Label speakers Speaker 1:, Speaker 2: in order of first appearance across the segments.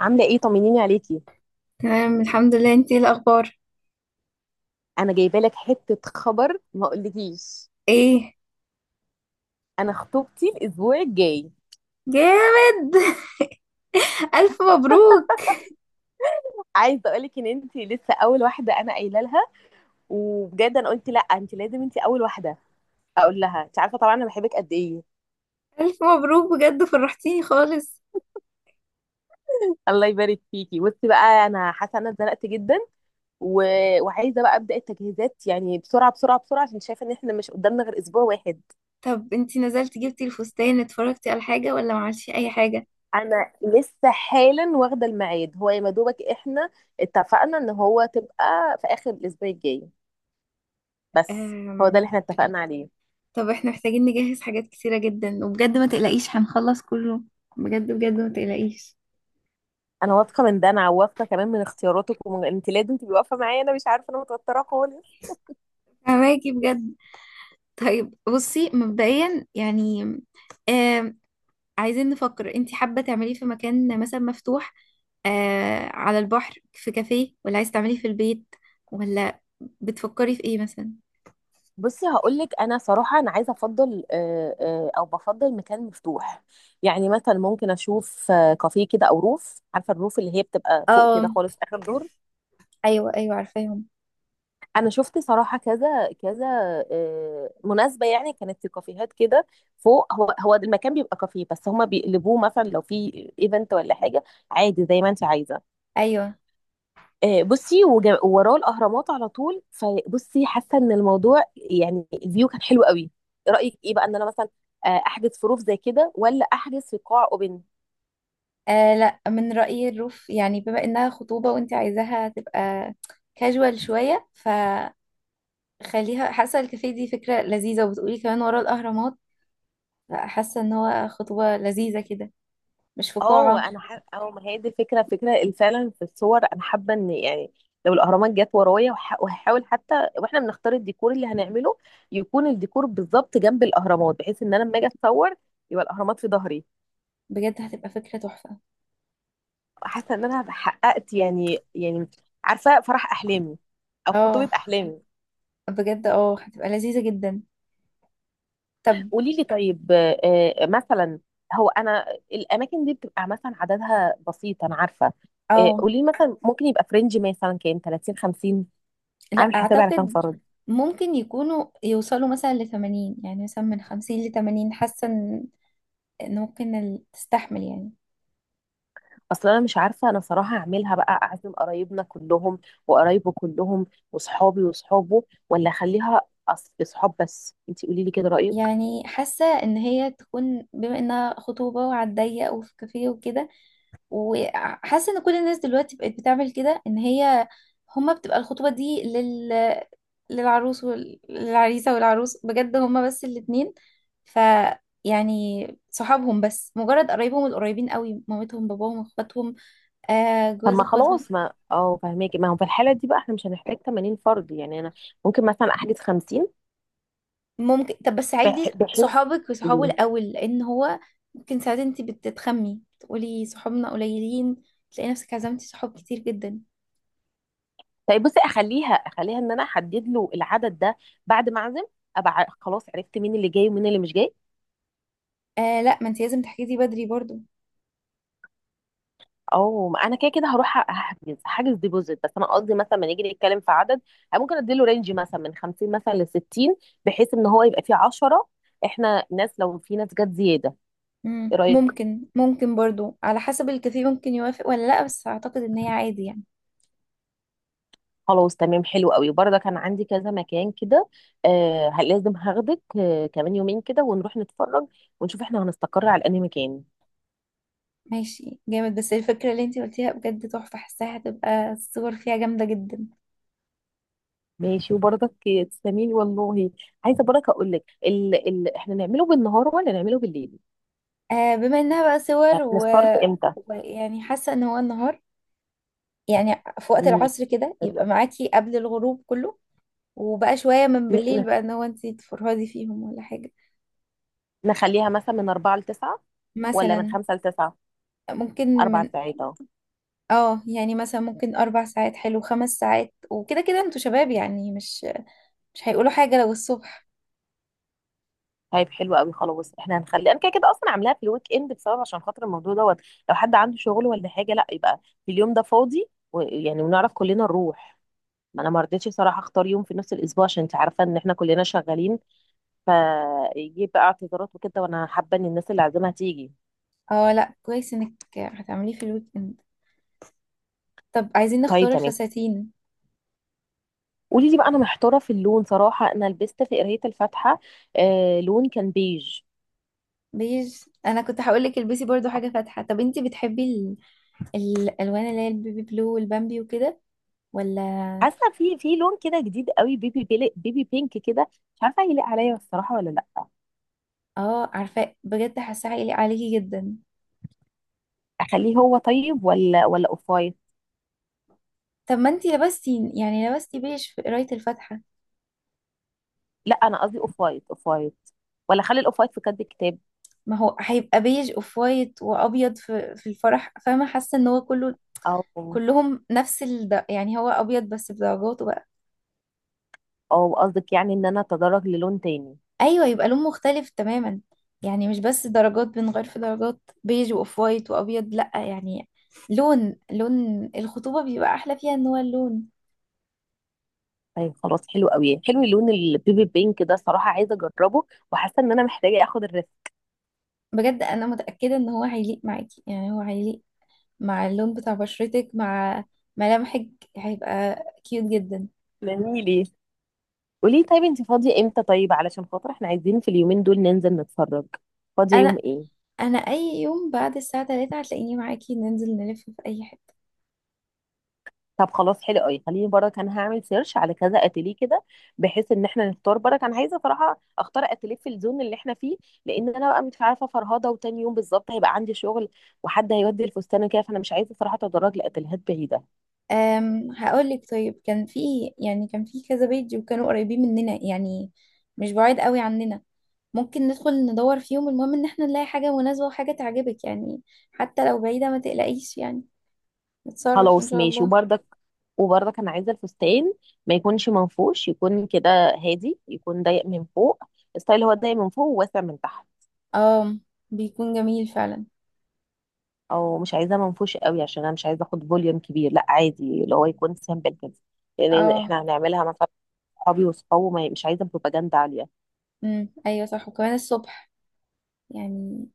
Speaker 1: عامله ايه؟ طمنيني عليكي.
Speaker 2: تمام الحمد لله، انتي ايه الاخبار؟
Speaker 1: انا جايبه لك حته خبر ما اقولكيش.
Speaker 2: ايه؟
Speaker 1: انا خطوبتي الاسبوع الجاي.
Speaker 2: جامد. الف مبروك.
Speaker 1: عايزه اقولك ان انت لسه اول واحده انا قايله لها، وبجد انا قلت لا، انت لازم انت اول واحده اقول لها. انت عارفه طبعا انا بحبك قد ايه.
Speaker 2: الف مبروك بجد، فرحتيني خالص.
Speaker 1: الله يبارك فيكي. بصي بقى، انا حاسه ان انا اتزنقت جدا و... وعايزه بقى ابدا التجهيزات، يعني بسرعه بسرعه بسرعه، عشان شايفه ان احنا مش قدامنا غير اسبوع واحد.
Speaker 2: طب انتي نزلتي جبتي الفستان اتفرجتي على حاجة ولا ما عملتي اي حاجة؟
Speaker 1: انا لسه حالا واخده الميعاد، هو يا مدوبك احنا اتفقنا ان هو تبقى في اخر الاسبوع الجاي بس. هو ده اللي
Speaker 2: أم...
Speaker 1: احنا اتفقنا عليه.
Speaker 2: طب احنا محتاجين نجهز حاجات كتيرة جدا، وبجد ما تقلقيش هنخلص كله. بجد بجد ما تقلقيش.
Speaker 1: انا واثقه من ده، انا واثقه كمان من اختياراتك، ومن انت لازم تبقي واقفه معايا. انا مش عارفه، انا متوتره خالص.
Speaker 2: فهماكي بجد. طيب بصي مبدئيا يعني عايزين نفكر، انت حابة تعمليه في مكان مثلا مفتوح، آه على البحر في كافيه، ولا عايز تعمليه في البيت، ولا بتفكري في ايه مثلا؟
Speaker 1: بصي هقول لك، انا صراحه انا عايزه افضل، او بفضل مكان مفتوح. يعني مثلا ممكن اشوف كافيه كده، او روف، عارفه الروف اللي هي بتبقى فوق
Speaker 2: اه،
Speaker 1: كده خالص، اخر دور.
Speaker 2: ايوه ايوه عارفاهم.
Speaker 1: انا شفت صراحه كذا كذا مناسبه، يعني كانت في كافيهات كده فوق، هو هو المكان بيبقى كافيه بس هما بيقلبوه مثلا لو في ايفنت ولا حاجه عادي زي ما انت عايزه.
Speaker 2: ايوه.
Speaker 1: بصي، ووراه الاهرامات على طول، فبصي حاسه ان الموضوع، يعني الفيو كان حلو قوي. رايك ايه بقى ان انا مثلا احجز في روف زي كده، ولا احجز في قاع اوبن؟
Speaker 2: آه لا، من رأيي الروف، يعني بما انها خطوبة وانت عايزاها تبقى كاجوال شوية فخليها. حاسة الكافيه دي فكرة لذيذة، وبتقولي كمان ورا الأهرامات، حاسة ان هو خطوبة لذيذة كده، مش في قاعة.
Speaker 1: اه، ما هي دي الفكره، فكره فعلا. في الصور انا حابه ان، يعني لو الاهرامات جت ورايا، وهحاول حتى واحنا بنختار الديكور اللي هنعمله، يكون الديكور بالظبط جنب الاهرامات، بحيث ان انا لما اجي اتصور يبقى الاهرامات في ظهري.
Speaker 2: بجد هتبقى فكرة تحفة.
Speaker 1: حاسه ان انا حققت، يعني عارفه فرح احلامي، او خطوبه
Speaker 2: اه
Speaker 1: احلامي.
Speaker 2: بجد، اه هتبقى لذيذة جدا. طب،
Speaker 1: قولي لي طيب، مثلا هو انا، الاماكن دي بتبقى مثلا عددها بسيط انا عارفه.
Speaker 2: اه
Speaker 1: قولي لي مثلا ممكن يبقى فرنج مثلا كام، 30، 50؟
Speaker 2: لا
Speaker 1: اعمل حسابي على كام
Speaker 2: اعتقد،
Speaker 1: فرد؟
Speaker 2: ممكن يكونوا يوصلوا مثلا لثمانين، يعني مثلا من خمسين لثمانين، حاسة ان إن ممكن تستحمل يعني.
Speaker 1: اصل انا مش عارفه، انا صراحه اعملها بقى اعزم قرايبنا كلهم وقرايبه كلهم وصحابي وصحابه، ولا اخليها اصحاب بس؟ انت قولي لي كده رايك.
Speaker 2: يعني حاسة ان هي تكون بما انها خطوبة وعلى الضيق وفي كافيه وكده، وحاسة ان كل الناس دلوقتي بقت بتعمل كده، ان هي هما بتبقى الخطوبة دي لل للعروس والعريسة والعروس، بجد هما بس الاتنين، ف يعني صحابهم بس، مجرد قرايبهم القريبين قوي، مامتهم باباهم اخواتهم، آه
Speaker 1: طب
Speaker 2: جواز
Speaker 1: ما
Speaker 2: اخواتهم.
Speaker 1: خلاص، ما فهماكي. ما هو في الحاله دي بقى احنا مش هنحتاج 80 فرد، يعني انا ممكن مثلا احجز 50.
Speaker 2: ممكن، طب بس عدي
Speaker 1: بحيث،
Speaker 2: صحابك وصحابه
Speaker 1: قولي،
Speaker 2: الأول لأن هو ممكن ساعات انت بتتخمي تقولي صحابنا قليلين، تلاقي نفسك عزمتي صحاب كتير جدا.
Speaker 1: طيب بصي، اخليها ان انا احدد له العدد ده بعد ما اعزم، ابقى خلاص عرفت مين اللي جاي ومين اللي مش جاي.
Speaker 2: آه لا، ما انت لازم تحجزي بدري برضو.
Speaker 1: او ما انا كده كده هروح هحجز حاجز ديبوزيت، بس انا قصدي مثلا ما نيجي نتكلم في عدد، أنا ممكن اديله رينج مثلا من 50 مثلا ل 60، بحيث ان هو يبقى فيه 10 احنا ناس لو في ناس جت زياده. ايه
Speaker 2: مم.
Speaker 1: رايك؟
Speaker 2: ممكن، ممكن برضو على حسب الكافيه، ممكن يوافق ولا لا، بس أعتقد إن هي عادي يعني.
Speaker 1: خلاص، تمام، حلو قوي. برضه كان عندي كذا مكان كده، لازم هاخدك كمان يومين كده ونروح نتفرج، ونشوف احنا هنستقر على انهي مكان.
Speaker 2: ماشي جامد، بس الفكرة اللي انت قلتيها بجد تحفة، حاساها هتبقى الصور فيها جامدة جدا.
Speaker 1: ماشي، وبرضك تسلميلي والله. عايزه بركه اقول لك احنا نعمله بالنهار ولا نعمله بالليل؟
Speaker 2: آه بما إنها بقى صور
Speaker 1: يعني نستارت امتى؟
Speaker 2: ويعني حاسة إن هو النهار، يعني في وقت
Speaker 1: امم
Speaker 2: العصر كده،
Speaker 1: ال-
Speaker 2: يبقى معاكي قبل الغروب كله، وبقى شوية من
Speaker 1: ن...
Speaker 2: بالليل،
Speaker 1: ن-
Speaker 2: بقى ان هو انتي تفرهدي فيهم ولا حاجة.
Speaker 1: نخليها مثلا من 4 ل 9، ولا من
Speaker 2: مثلا.
Speaker 1: 5 ل 9؟
Speaker 2: ممكن
Speaker 1: اربع
Speaker 2: من.
Speaker 1: ساعات اهو.
Speaker 2: اه، يعني مثلا ممكن اربع ساعات، حلو، خمس ساعات، وكده كده انتوا شباب يعني مش مش هيقولوا حاجة لو الصبح.
Speaker 1: طيب حلو قوي. خلاص، احنا هنخلي، انا كده كده اصلا عاملاها في الويك اند بسبب، عشان خاطر الموضوع دوت، لو حد عنده شغل ولا حاجه لا، يبقى في اليوم ده فاضي ويعني ونعرف كلنا نروح. ما انا ما رضيتش صراحه اختار يوم في نص الاسبوع، عشان انت عارفه ان احنا كلنا شغالين، فيجيب بقى اعتذارات وكده، وانا حابه ان الناس اللي عازمها تيجي.
Speaker 2: اه لا، كويس انك هتعمليه في الويك اند. طب عايزين
Speaker 1: طيب
Speaker 2: نختار
Speaker 1: تمام.
Speaker 2: الفساتين.
Speaker 1: قولي لي بقى، انا محتاره في اللون صراحه. انا لبست في قرايه الفاتحه آه لون كان بيج.
Speaker 2: بيج، انا كنت هقولك البسي برضو حاجة فاتحة. طب انتي بتحبي الالوان اللي هي البيبي بلو والبامبي وكده، ولا؟
Speaker 1: حاسه في لون كده جديد قوي، بيبي بينك كده. مش عارفه هيليق عليا الصراحه ولا لا.
Speaker 2: اه عارفة، بجد حاسة هيليق عليكي جدا.
Speaker 1: اخليه هو طيب، ولا اوف وايت؟
Speaker 2: طب ما انتي لبستي، يعني لبستي بيج في قراية الفاتحة.
Speaker 1: لا انا قصدي اوف وايت، اوف وايت. ولا اخلي الاوف وايت في كد الكتاب؟
Speaker 2: ما هو هيبقى بيج اوف وايت وابيض، في الفرح، فاهمه؟ حاسه ان هو كله،
Speaker 1: او
Speaker 2: كلهم نفس يعني هو ابيض بس بدرجاته بقى.
Speaker 1: او قصدك يعني ان انا اتدرج للون تاني؟
Speaker 2: ايوه، يبقى لون مختلف تماما، يعني مش بس درجات، بنغير في درجات بيج واوف وايت وابيض. لا، يعني لون، لون الخطوبه بيبقى احلى فيها ان هو اللون.
Speaker 1: طيب خلاص، حلو قوي. حلو اللون البيبي بينك ده صراحة، عايزة اجربه وحاسة ان انا محتاجة اخد الريسك.
Speaker 2: بجد انا متاكده ان هو هيليق معاكي، يعني هو هيليق مع اللون بتاع بشرتك، مع ملامحك، هيبقى كيوت جدا.
Speaker 1: ليه، ليه؟ قولي طيب، انت فاضية امتى؟ طيب علشان خاطر احنا عايزين في اليومين دول ننزل نتفرج. فاضية يوم
Speaker 2: انا
Speaker 1: ايه؟
Speaker 2: انا اي يوم بعد الساعه 3 هتلاقيني معاكي، ننزل نلف في اي حته.
Speaker 1: طب خلاص، حلو قوي. خليني برك انا هعمل سيرش على كذا اتيليه كده، بحيث ان احنا نختار برك. انا عايزة صراحة اختار اتيليه في الزون اللي احنا فيه، لان انا بقى مش عارفة فرهضة، وتاني يوم بالظبط هيبقى عندي شغل وحد هيودي الفستان كده، فانا مش عايزة صراحة اتدرج لاتيليهات بعيدة.
Speaker 2: أم، هقول لك، طيب كان في، يعني كان في كذا بيت وكانوا قريبين مننا، يعني مش بعيد قوي عننا. ممكن ندخل ندور فيهم، المهم ان احنا نلاقي حاجه مناسبه وحاجه تعجبك يعني، حتى لو بعيده ما تقلقيش يعني، نتصرف ان
Speaker 1: خلاص،
Speaker 2: شاء
Speaker 1: ماشي
Speaker 2: الله.
Speaker 1: وبرضك. انا عايزه الفستان ما يكونش منفوش، يكون كده هادي، يكون ضيق من فوق. الستايل هو ضيق من فوق وواسع من تحت.
Speaker 2: اه بيكون جميل فعلا.
Speaker 1: او مش عايزاه منفوش قوي، عشان انا مش عايزه اخد فوليوم كبير، لا عادي، اللي هو يكون سامبل كده، لان
Speaker 2: اه.
Speaker 1: احنا هنعملها مثلا صحابي وصحابه، مش عايزه بروباجندا عاليه.
Speaker 2: امم، ايوه صح، وكمان الصبح يعني.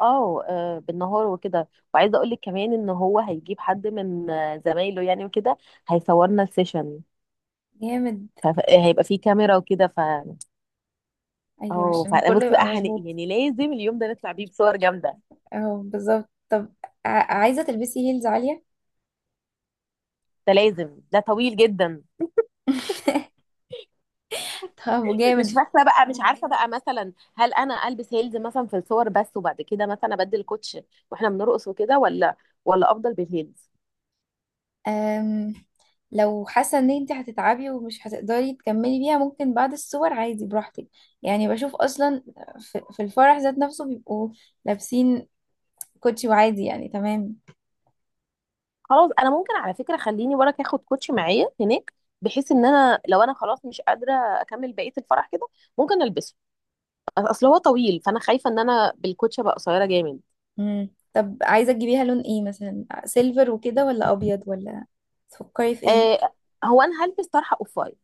Speaker 1: اه، بالنهار وكده. وعايزه اقول لك كمان ان هو هيجيب حد من زمايله يعني وكده، هيصورنا السيشن،
Speaker 2: جامد.
Speaker 1: فهيبقى فيه كاميرا وكده.
Speaker 2: ايوه
Speaker 1: اه،
Speaker 2: عشان
Speaker 1: فبص
Speaker 2: كله
Speaker 1: بقى،
Speaker 2: يبقى مظبوط.
Speaker 1: يعني لازم اليوم ده نطلع بيه بصور جامده.
Speaker 2: اهو بالظبط. طب، عايزة تلبسي هيلز عالية؟
Speaker 1: ده لازم، ده طويل جدا.
Speaker 2: طب
Speaker 1: مش
Speaker 2: جامد.
Speaker 1: فاكره بقى، مش عارفه بقى مثلا هل انا البس هيلز مثلا في الصور بس وبعد كده مثلا ابدل كوتش واحنا بنرقص وكده، ولا افضل بالهيلز؟
Speaker 2: أم... لو حاسة ان انت هتتعبي ومش هتقدري تكملي بيها، ممكن بعد الصور عادي براحتك. يعني بشوف اصلا في الفرح ذات نفسه بيبقوا لابسين كوتشي، وعادي يعني، تمام.
Speaker 1: خلاص، انا ممكن على فكره خليني وراك اخد كوتش معايا هناك، بحيث ان انا لو انا خلاص مش قادره اكمل بقيه الفرح كده ممكن البسه، اصل هو طويل، فانا خايفه ان انا بالكوتش ابقى قصيره جامد.
Speaker 2: مم. طب عايزة تجيبيها لون ايه، مثلا سيلفر وكده، ولا ابيض، ولا تفكري في ايه؟
Speaker 1: آه، هو انا هلبس طرحه اوف وايت،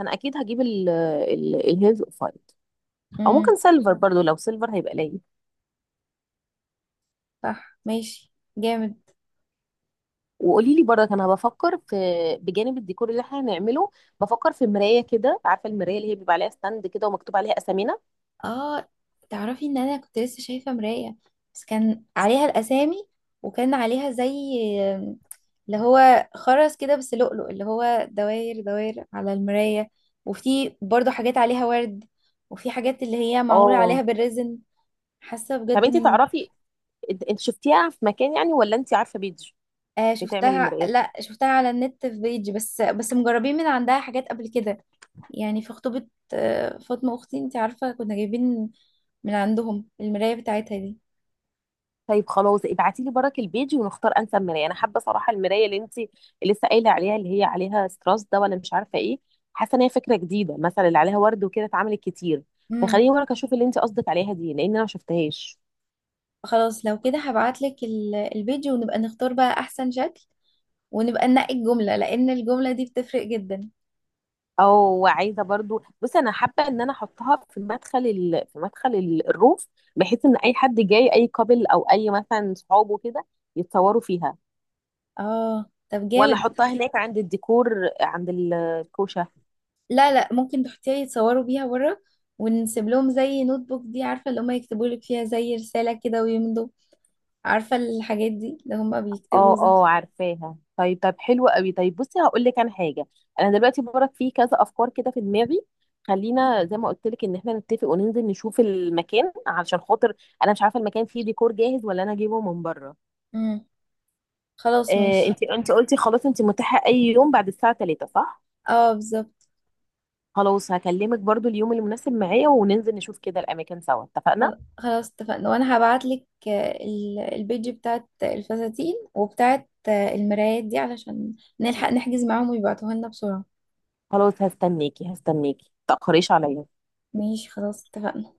Speaker 1: انا اكيد هجيب ال ال الهيلز اوف وايت، او ممكن
Speaker 2: امم.
Speaker 1: سيلفر برضو، لو سيلفر هيبقى ليا.
Speaker 2: صح ماشي جامد.
Speaker 1: وقولي لي برضك، انا بفكر في، بجانب الديكور اللي احنا هنعمله، بفكر في مرايه كده، عارفه المرايه اللي هي بيبقى عليها ستاند كده ومكتوب عليها اسامينا.
Speaker 2: اه تعرفي، ان انا كنت لسه شايفة مراية، بس كان عليها الاسامي، وكان عليها زي اللي هو خرز كده بس لؤلؤ، اللي هو دوائر دوائر على المراية، وفي برضو حاجات عليها ورد، وفي حاجات اللي هي معمولة عليها
Speaker 1: اه،
Speaker 2: بالريزن. حاسة
Speaker 1: طب
Speaker 2: بجد
Speaker 1: انت
Speaker 2: ان.
Speaker 1: تعرفي، انت شفتيها في مكان يعني، ولا انت عارفه بيج
Speaker 2: آه
Speaker 1: بتعمل
Speaker 2: شفتها،
Speaker 1: المرايات؟
Speaker 2: لا شفتها على النت في بيج، بس بس مجربين من عندها حاجات قبل كده، يعني في خطوبة فاطمة اختي، انت عارفة كنا جايبين من عندهم المراية بتاعتها دي.
Speaker 1: طيب خلاص، ابعتي لي برك البيج ونختار انسب مرايه. انا حابه صراحه المرايه اللي انت لسه قايله عليها، اللي هي عليها ستراس ده ولا مش عارفه ايه. حاسه ان هي فكره جديده، مثلا اللي عليها ورد وكده اتعملت كتير،
Speaker 2: امم.
Speaker 1: فخليني برك اشوف اللي انت قصدك عليها دي، لان انا ما شفتهاش.
Speaker 2: خلاص لو كده هبعتلك الفيديو، ونبقى نختار بقى احسن شكل، ونبقى ننقي الجملة، لان الجملة دي بتفرق جدا.
Speaker 1: او عايزه برضو، بصي انا حابه ان انا احطها في مدخل في مدخل الروف، بحيث ان اي حد جاي اي كابل او اي مثلا صحابه كده يتصوروا فيها،
Speaker 2: اه طب
Speaker 1: ولا
Speaker 2: جامد.
Speaker 1: احطها هناك عند الديكور عند الكوشه؟
Speaker 2: لا لا، ممكن تحطيها يتصوروا بيها بره، ونسيب لهم زي نوت بوك دي، عارفة اللي هما يكتبوا لك فيها زي رسالة كده ويمضوا، عارفة الحاجات دي اللي هما بيكتبوا
Speaker 1: اه
Speaker 2: زي.
Speaker 1: اه، عارفاها. طيب، حلو قوي. طيب بصي، هقول لك انا حاجه، انا دلوقتي برك في كذا افكار كده في دماغي، خلينا زي ما قلت لك ان احنا نتفق وننزل نشوف المكان، علشان خاطر انا مش عارفه المكان فيه ديكور جاهز ولا انا اجيبه من بره.
Speaker 2: امم. خلاص ماشي.
Speaker 1: انت، انت قلتي خلاص انت متاحه اي يوم بعد الساعه 3، صح؟
Speaker 2: اه بالظبط.
Speaker 1: خلاص، هكلمك برضو اليوم المناسب معايا وننزل نشوف كده الاماكن سوا، اتفقنا.
Speaker 2: خلاص اتفقنا، وانا هبعتلك البيج بتاعت الفساتين وبتاعت المرايات دي علشان نلحق نحجز معاهم ويبعتوها لنا بسرعة.
Speaker 1: خلاص، هستناكي هستناكي، متأخريش عليا.
Speaker 2: ماشي خلاص اتفقنا.